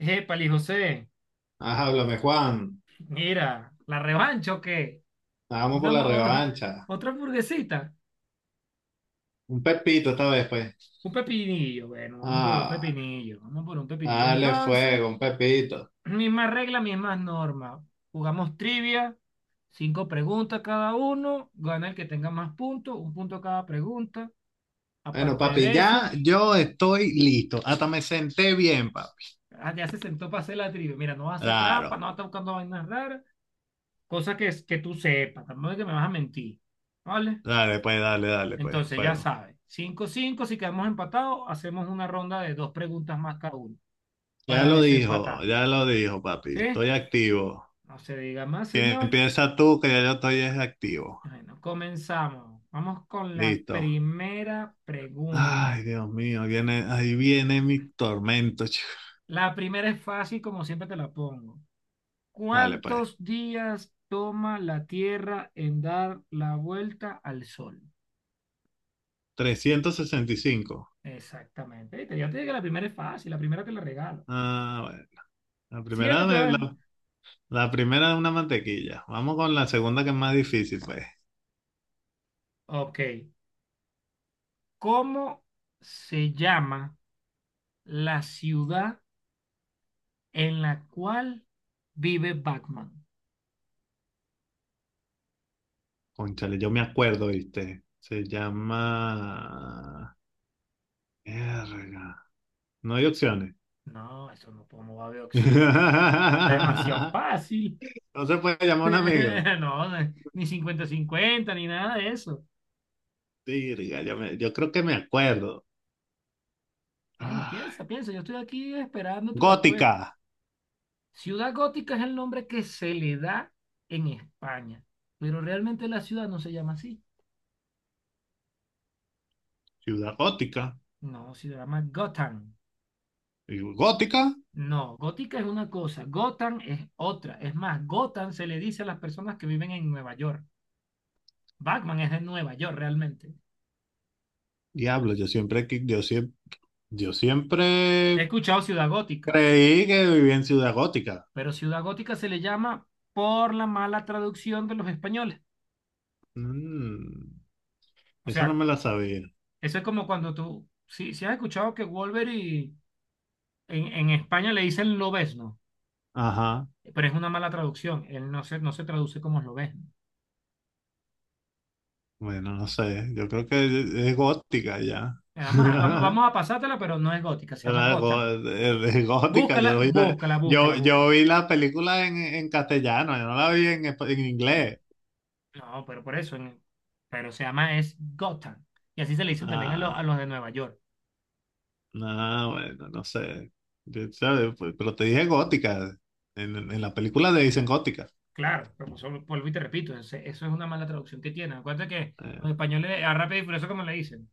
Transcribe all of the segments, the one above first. Épale, José, Ajá, háblame, Juan. mira, ¿la revancha o qué? Vamos por Una la mo- revancha. otra hamburguesita, Un pepito esta vez, pues. un pepinillo, bueno, vamos por un Ah, pepinillo, vamos por un pepinillo dale entonces. fuego, un pepito. Misma regla, mismas normas. Jugamos trivia, cinco preguntas cada uno, gana el que tenga más puntos, un punto cada pregunta. Bueno, Aparte papi, de ya eso, yo estoy listo. Hasta me senté bien, papi. ah, ya se sentó para hacer la trivia. Mira, no vas a hacer trampa, no Claro. vas a estar buscando vainas raras, cosas que tú sepas, tampoco es que me vas a mentir, ¿vale? Dale, pues, dale, dale, pues, Entonces, ya fuego. sabe, cinco cinco si quedamos empatados, hacemos una ronda de dos preguntas más cada uno para desempatar. Ya lo dijo, papi. ¿Sí? Estoy activo. No se diga más, Que señor. empieza tú, que ya yo estoy es activo. Bueno, comenzamos. Vamos con la Listo. primera pregunta. Ay, Dios mío, viene, ahí viene mi tormento, chico. La primera es fácil, como siempre te la pongo. Dale, pues. ¿Cuántos días toma la Tierra en dar la vuelta al Sol? 365. Exactamente. Viste, ya te dije que la primera es fácil, la primera te la regalo. Ah, bueno. La Siempre primera, te de voy a- la, la primera de una mantequilla. Vamos con la segunda, que es más difícil, pues. Ok. ¿Cómo se llama la ciudad en la cual vive Batman? Cónchale, yo me acuerdo, ¿viste? Se llama... Verga. No hay opciones. No, eso no, pues, no va a haber opción. Es demasiado fácil. No se puede llamar a un amigo. No, ni cincuenta cincuenta ni nada de eso. Virga, yo creo que me acuerdo. Bueno, Ah, piensa, piensa. Yo estoy aquí esperando tu respuesta. gótica. Ciudad gótica es el nombre que se le da en España, pero realmente la ciudad no se llama así. Ciudad gótica. No, se llama Gotham. Y ¿gótica? No, gótica es una cosa, Gotham es otra. Es más, Gotham se le dice a las personas que viven en Nueva York. Batman es de Nueva York realmente. Diablo, yo He siempre escuchado Ciudad Gótica, creí que vivía en Ciudad Gótica. pero Ciudad Gótica se le llama por la mala traducción de los españoles. Mm, O esa no sea, me la sabía. eso es como cuando tú, si has escuchado que Wolverine en España le dicen lobesno, Ajá, pero es una mala traducción, él no se traduce como lobesno. bueno, no sé, yo creo que es gótica ya. Nada más, vamos, vamos a pasártela, pero no es gótica, se llama Era Gotham. gó- es gótica, Búscala, búscala, yo, búscala, yo búscala. vi la película en castellano, yo no la vi en, en inglés. No, pero por eso, pero se llama es Gotham. Y así se le dicen también a, Ah, a los de Nueva York. no, bueno, no sé. Yo, ¿sabes? Pues, pero te dije gótica, en la película le dicen gótica. Claro, pero eso vuelvo y te repito, eso es una mala traducción que tiene. Acuérdate que Eh, los españoles a rápido y furioso, como le dicen,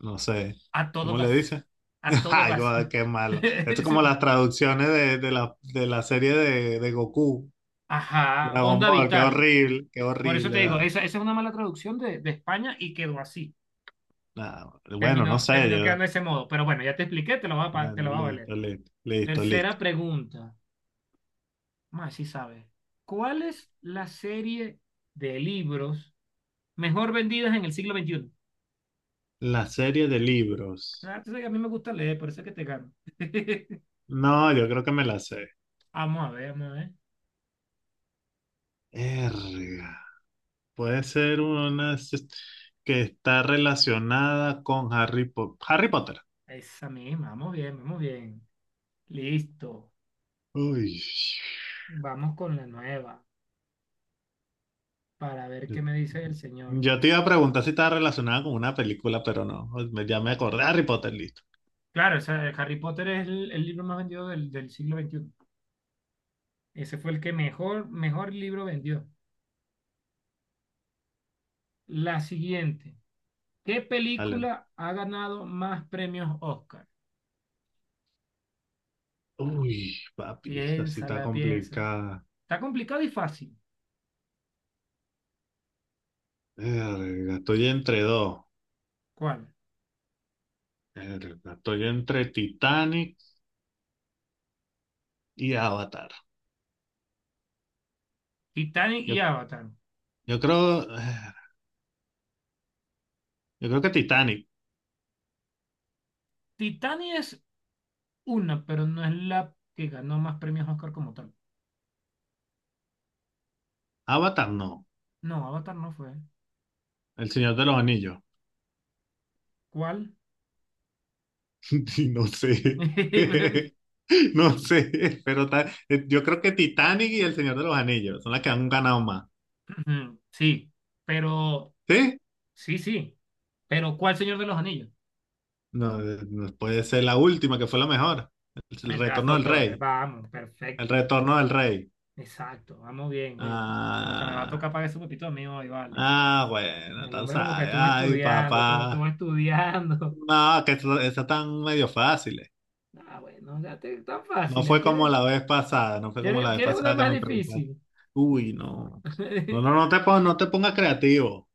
no sé, a todo ¿cómo le gas, dicen? a todo Ay, gas. God, qué malo. Esto es como las traducciones de la serie de Goku. Ajá, Dragon onda Ball, qué vital. horrible, qué Por eso horrible. te digo, esa es una mala traducción de España y quedó así. Nada, bueno, no Terminó, sé, terminó yo. quedando de ese modo. Pero bueno, ya te expliqué, te Bueno, lo va a valer. listo, listo, listo, Tercera listo. pregunta. Más si sabes. ¿Cuál es la serie de libros mejor vendidas en el siglo XXI? La serie de libros. Ah, tú sabes que a mí me gusta leer, por eso es que te gano. No, yo creo que me la sé. Vamos a ver, vamos a ver. Erga. Puede ser una s- Que está relacionada con Harry Potter. Harry Potter. Esa misma, vamos bien, vamos bien. Listo. Uy. Vamos con la nueva para ver Yo qué me dice el señor. yo te iba a preguntar si estaba relacionada con una película, pero no. Ya me acordé. Harry Potter, listo. Claro, o sea, Harry Potter es el libro más vendido del siglo XXI. Ese fue el que mejor, mejor libro vendió. La siguiente. ¿Qué Dale. película ha ganado más premios Oscar? Uy, papi, esa sí está Piénsala, piensa. complicada. Está complicado y fácil. Verga, estoy entre dos. ¿Cuál? Verga, estoy entre Titanic y Avatar. Titanic Yo, y Avatar. yo creo, yo creo que Titanic. Titanic es una, pero no es la que ganó más premios Oscar como tal. Avatar no. No, Avatar no fue. El Señor de los Anillos. ¿Cuál? Y no sé. No sé, pero yo creo que Titanic y El Señor de los Anillos son las que han ganado más. Sí, pero ¿Sí? sí, sí. Pero ¿cuál Señor de los Anillos? No, no puede ser la última, que fue la mejor. El El de las retorno dos del torres. rey. Vamos, El perfecto. retorno del rey. Exacto, vamos bien, coño. Como que me va a Ah, tocar pagar ese pepito mío hoy, vale. ah, bueno, El tú hombre como que sabes. estuvo Ay, estudiando, estuvo, estuvo papá. estudiando. No, que eso tan medio fáciles. Ah, bueno, ya te, tan No fácil. ¿Eh? fue como ¿Quieres, la vez pasada, no fue como la quieres, vez quieres una pasada que más me preguntaste. difícil? Uy, no. No, no, no te pongas, no te pongas creativo.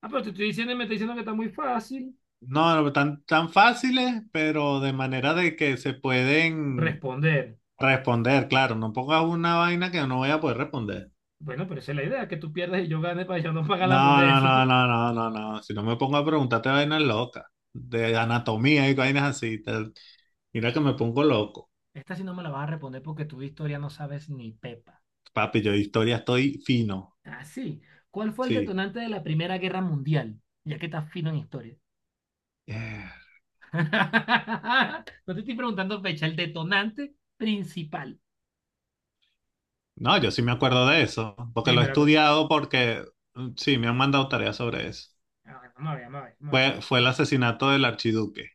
Ah, pero te estoy diciendo y me está diciendo que está muy fácil No, no, tan, tan fáciles, pero de manera de que se pueden responder. responder, claro. No pongas una vaina que no voy a poder responder. Bueno, pero esa es la idea, que tú pierdas y yo gane para yo no pagar la No, no, hamburguesa. no, no, no, no, no. Si no me pongo a preguntarte vainas locas, de anatomía y vainas así, tal. Mira que me pongo loco. Esta sí no me la vas a responder porque tu historia no sabes ni pepa. Papi, yo de historia estoy fino. Ah, sí. ¿Cuál fue el Sí. detonante de la Primera Guerra Mundial? Ya que estás fino en historia. Eh, No te estoy preguntando fecha, el detonante principal. No, yo sí me acuerdo de eso, porque lo he Dímelo, pues. estudiado porque mm, sí, me han mandado tareas sobre eso. A ver, vamos a ver, vamos a ver. Vamos a ver. Fue el asesinato del archiduque.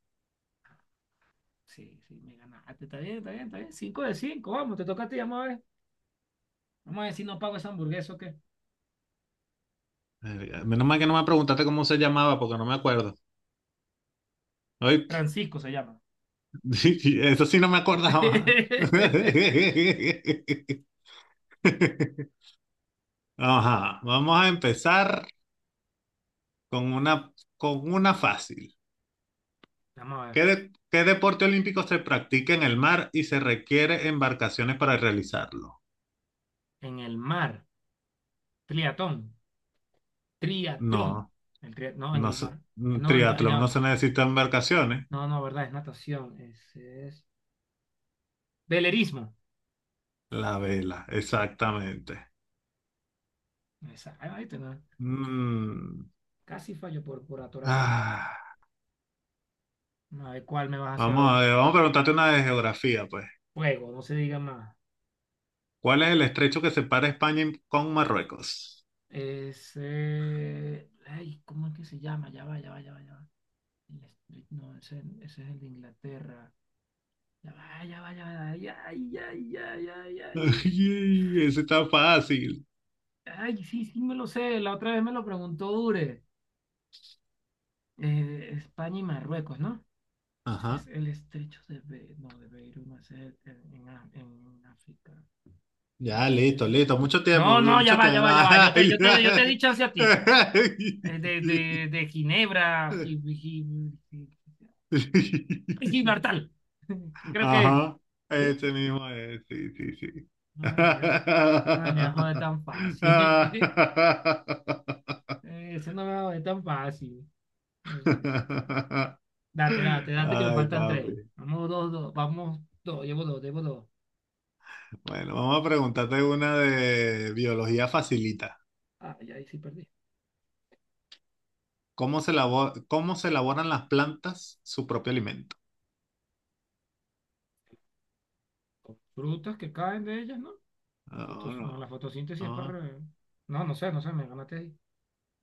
Sí, sí, me ganaste. Está bien, está bien, está bien. Cinco de cinco, vamos, te toca a ti, vamos a ver. Vamos a ver si no pago esa hamburguesa o qué. Menos mal que no me preguntaste cómo se llamaba, porque no me acuerdo. ¿Oíste? Francisco se llama. Eso sí no me acordaba. Ajá, vamos a empezar con una, con una fácil. Vamos a ver. ¿Qué deporte olímpico se practica en el mar y se requiere embarcaciones para realizarlo? En el mar. Triatón. Triatlón. No. No, en el mar. Un No, el mar. triatlón no No. se necesita embarcaciones. No, no, verdad, es natación, es velerismo. La vela, exactamente. Ahí te va. Mm, Casi fallo por atorado. ah, A ver cuál me vas a hacer vamos a ahora. ver, vamos a preguntarte una de geografía, pues. Juego, no se diga más. ¿Cuál es el estrecho que separa España y- ¿Con Marruecos? Es, ay, ¿cómo es que se llama? Ya va, ya va, ya va, ya va. No, ese es el de Inglaterra. Ya va, ya va, ya va. Ay, ay, ay, ay, ay, ay. Ay, ese está fácil. Ay, sí, sí me lo sé. La otra vez me lo preguntó Ure. España y Marruecos, ¿no? Ese Ajá. es el estrecho de Be no, de Beirut, no, ese es en África. Ya, Este, listo, listo. Mucho tiempo, no, no, ya mucho va, ya tiempo. va, ya va. Yo te, Ay, yo te, yo te di chance a ti. De Ginebra, Gi- ay. Gibraltar. Que creo que. Ajá, ese ¿Viste? mismo es, sí, sí, sí. No venía, no venía a joder tan fácil. Ese no me va a joder tan fácil. No, sí. Date, date, date que me Ay, faltan papi. tres. Vamos dos, dos. Vamos dos. Llevo dos, llevo dos. Bueno, vamos a preguntarte una de biología facilita. Ah, ya ahí sí perdí. ¿Cómo se elaboran las plantas su propio alimento? Con frutas que caen de ellas, ¿no? La No, fotos, no, no, la fotosíntesis es para no, No, no sé, no sé, me ganaste ahí.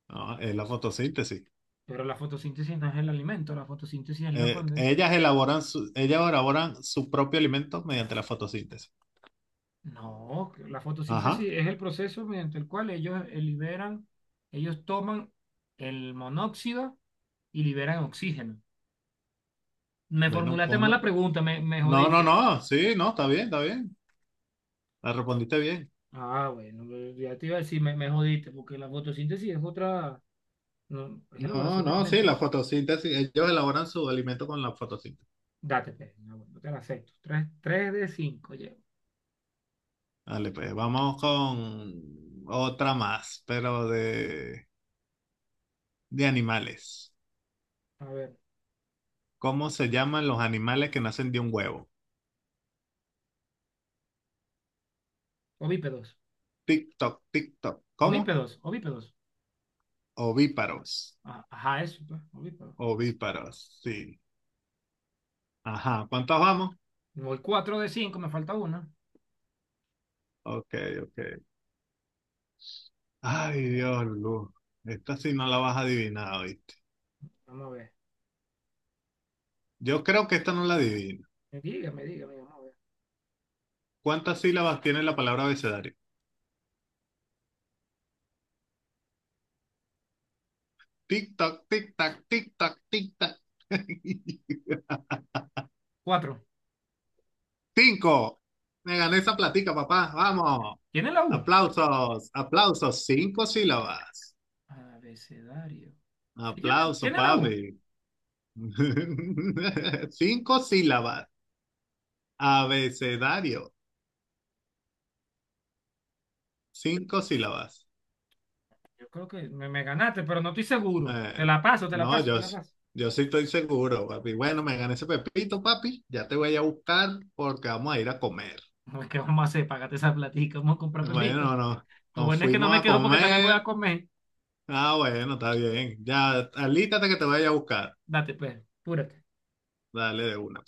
no, es la fotosíntesis. Pero la fotosíntesis no es el alimento, la fotosíntesis es la cuando... Ellas elaboran su propio alimento mediante la fotosíntesis. No, que la Ajá. fotosíntesis es el proceso mediante el cual ellos liberan, ellos toman el monóxido y liberan oxígeno. Me Bueno, formulaste pon, mal la pregunta, me No, no, jodiste. no, sí, no, está bien, está bien. La respondiste bien. Ah, bueno, ya te iba a decir, me jodiste, porque la fotosíntesis es otra, no, es No, elaboración de no, sí, alimentos. la fotosíntesis, ellos elaboran su alimento con la fotosíntesis. Date, pues, no, bueno, no te la acepto. Tres, tres de cinco, Vale, pues vamos con otra más, pero de animales. a ver, ¿Cómo se llaman los animales que nacen de un huevo? ovípedos. Tic-toc, tic-toc. ¿Cómo? Ovípedos, ovípedos. Ovíparos. Ah, ajá, eso, pues, ovípedos. Ovíparos, sí. Ajá, ¿cuántos vamos? Voy cuatro de cinco, me falta una. Ok, ok. Ay, Dios, Luz. Esta sí no la vas a adivinar, ¿oíste? Vamos a ver. Yo creo que esta no la adivinas. Dígame, dígame, vamos a ver. ¿Cuántas sílabas tiene la palabra abecedario? Tic-tac, tic-tac, tic-tac, tic-tac. Cuatro. Cinco. Me gané esa platica, papá. Vamos. ¿Tiene la U? Aplausos, aplausos. Cinco sílabas. Abecedario. Sí, tiene, Aplauso, tiene la U. papi. Cinco sílabas. Abecedario. Cinco sílabas. Yo creo que me ganaste, pero no estoy seguro. Te Eh, la paso, te la no, paso, yo, te la paso. yo sí estoy seguro, papi. Bueno, me gané ese pepito, papi. Ya te voy a buscar porque vamos a ir a comer. No, ¿qué vamos a hacer? Págate esa platica, vamos a comprar pepito. Bueno, no, Lo nos bueno es que no fuimos me a quejo porque también voy a comer. comer. Ah, bueno, está bien. Ya, alístate que te voy a ir a buscar. Date, pues, apúrate. Dale de una.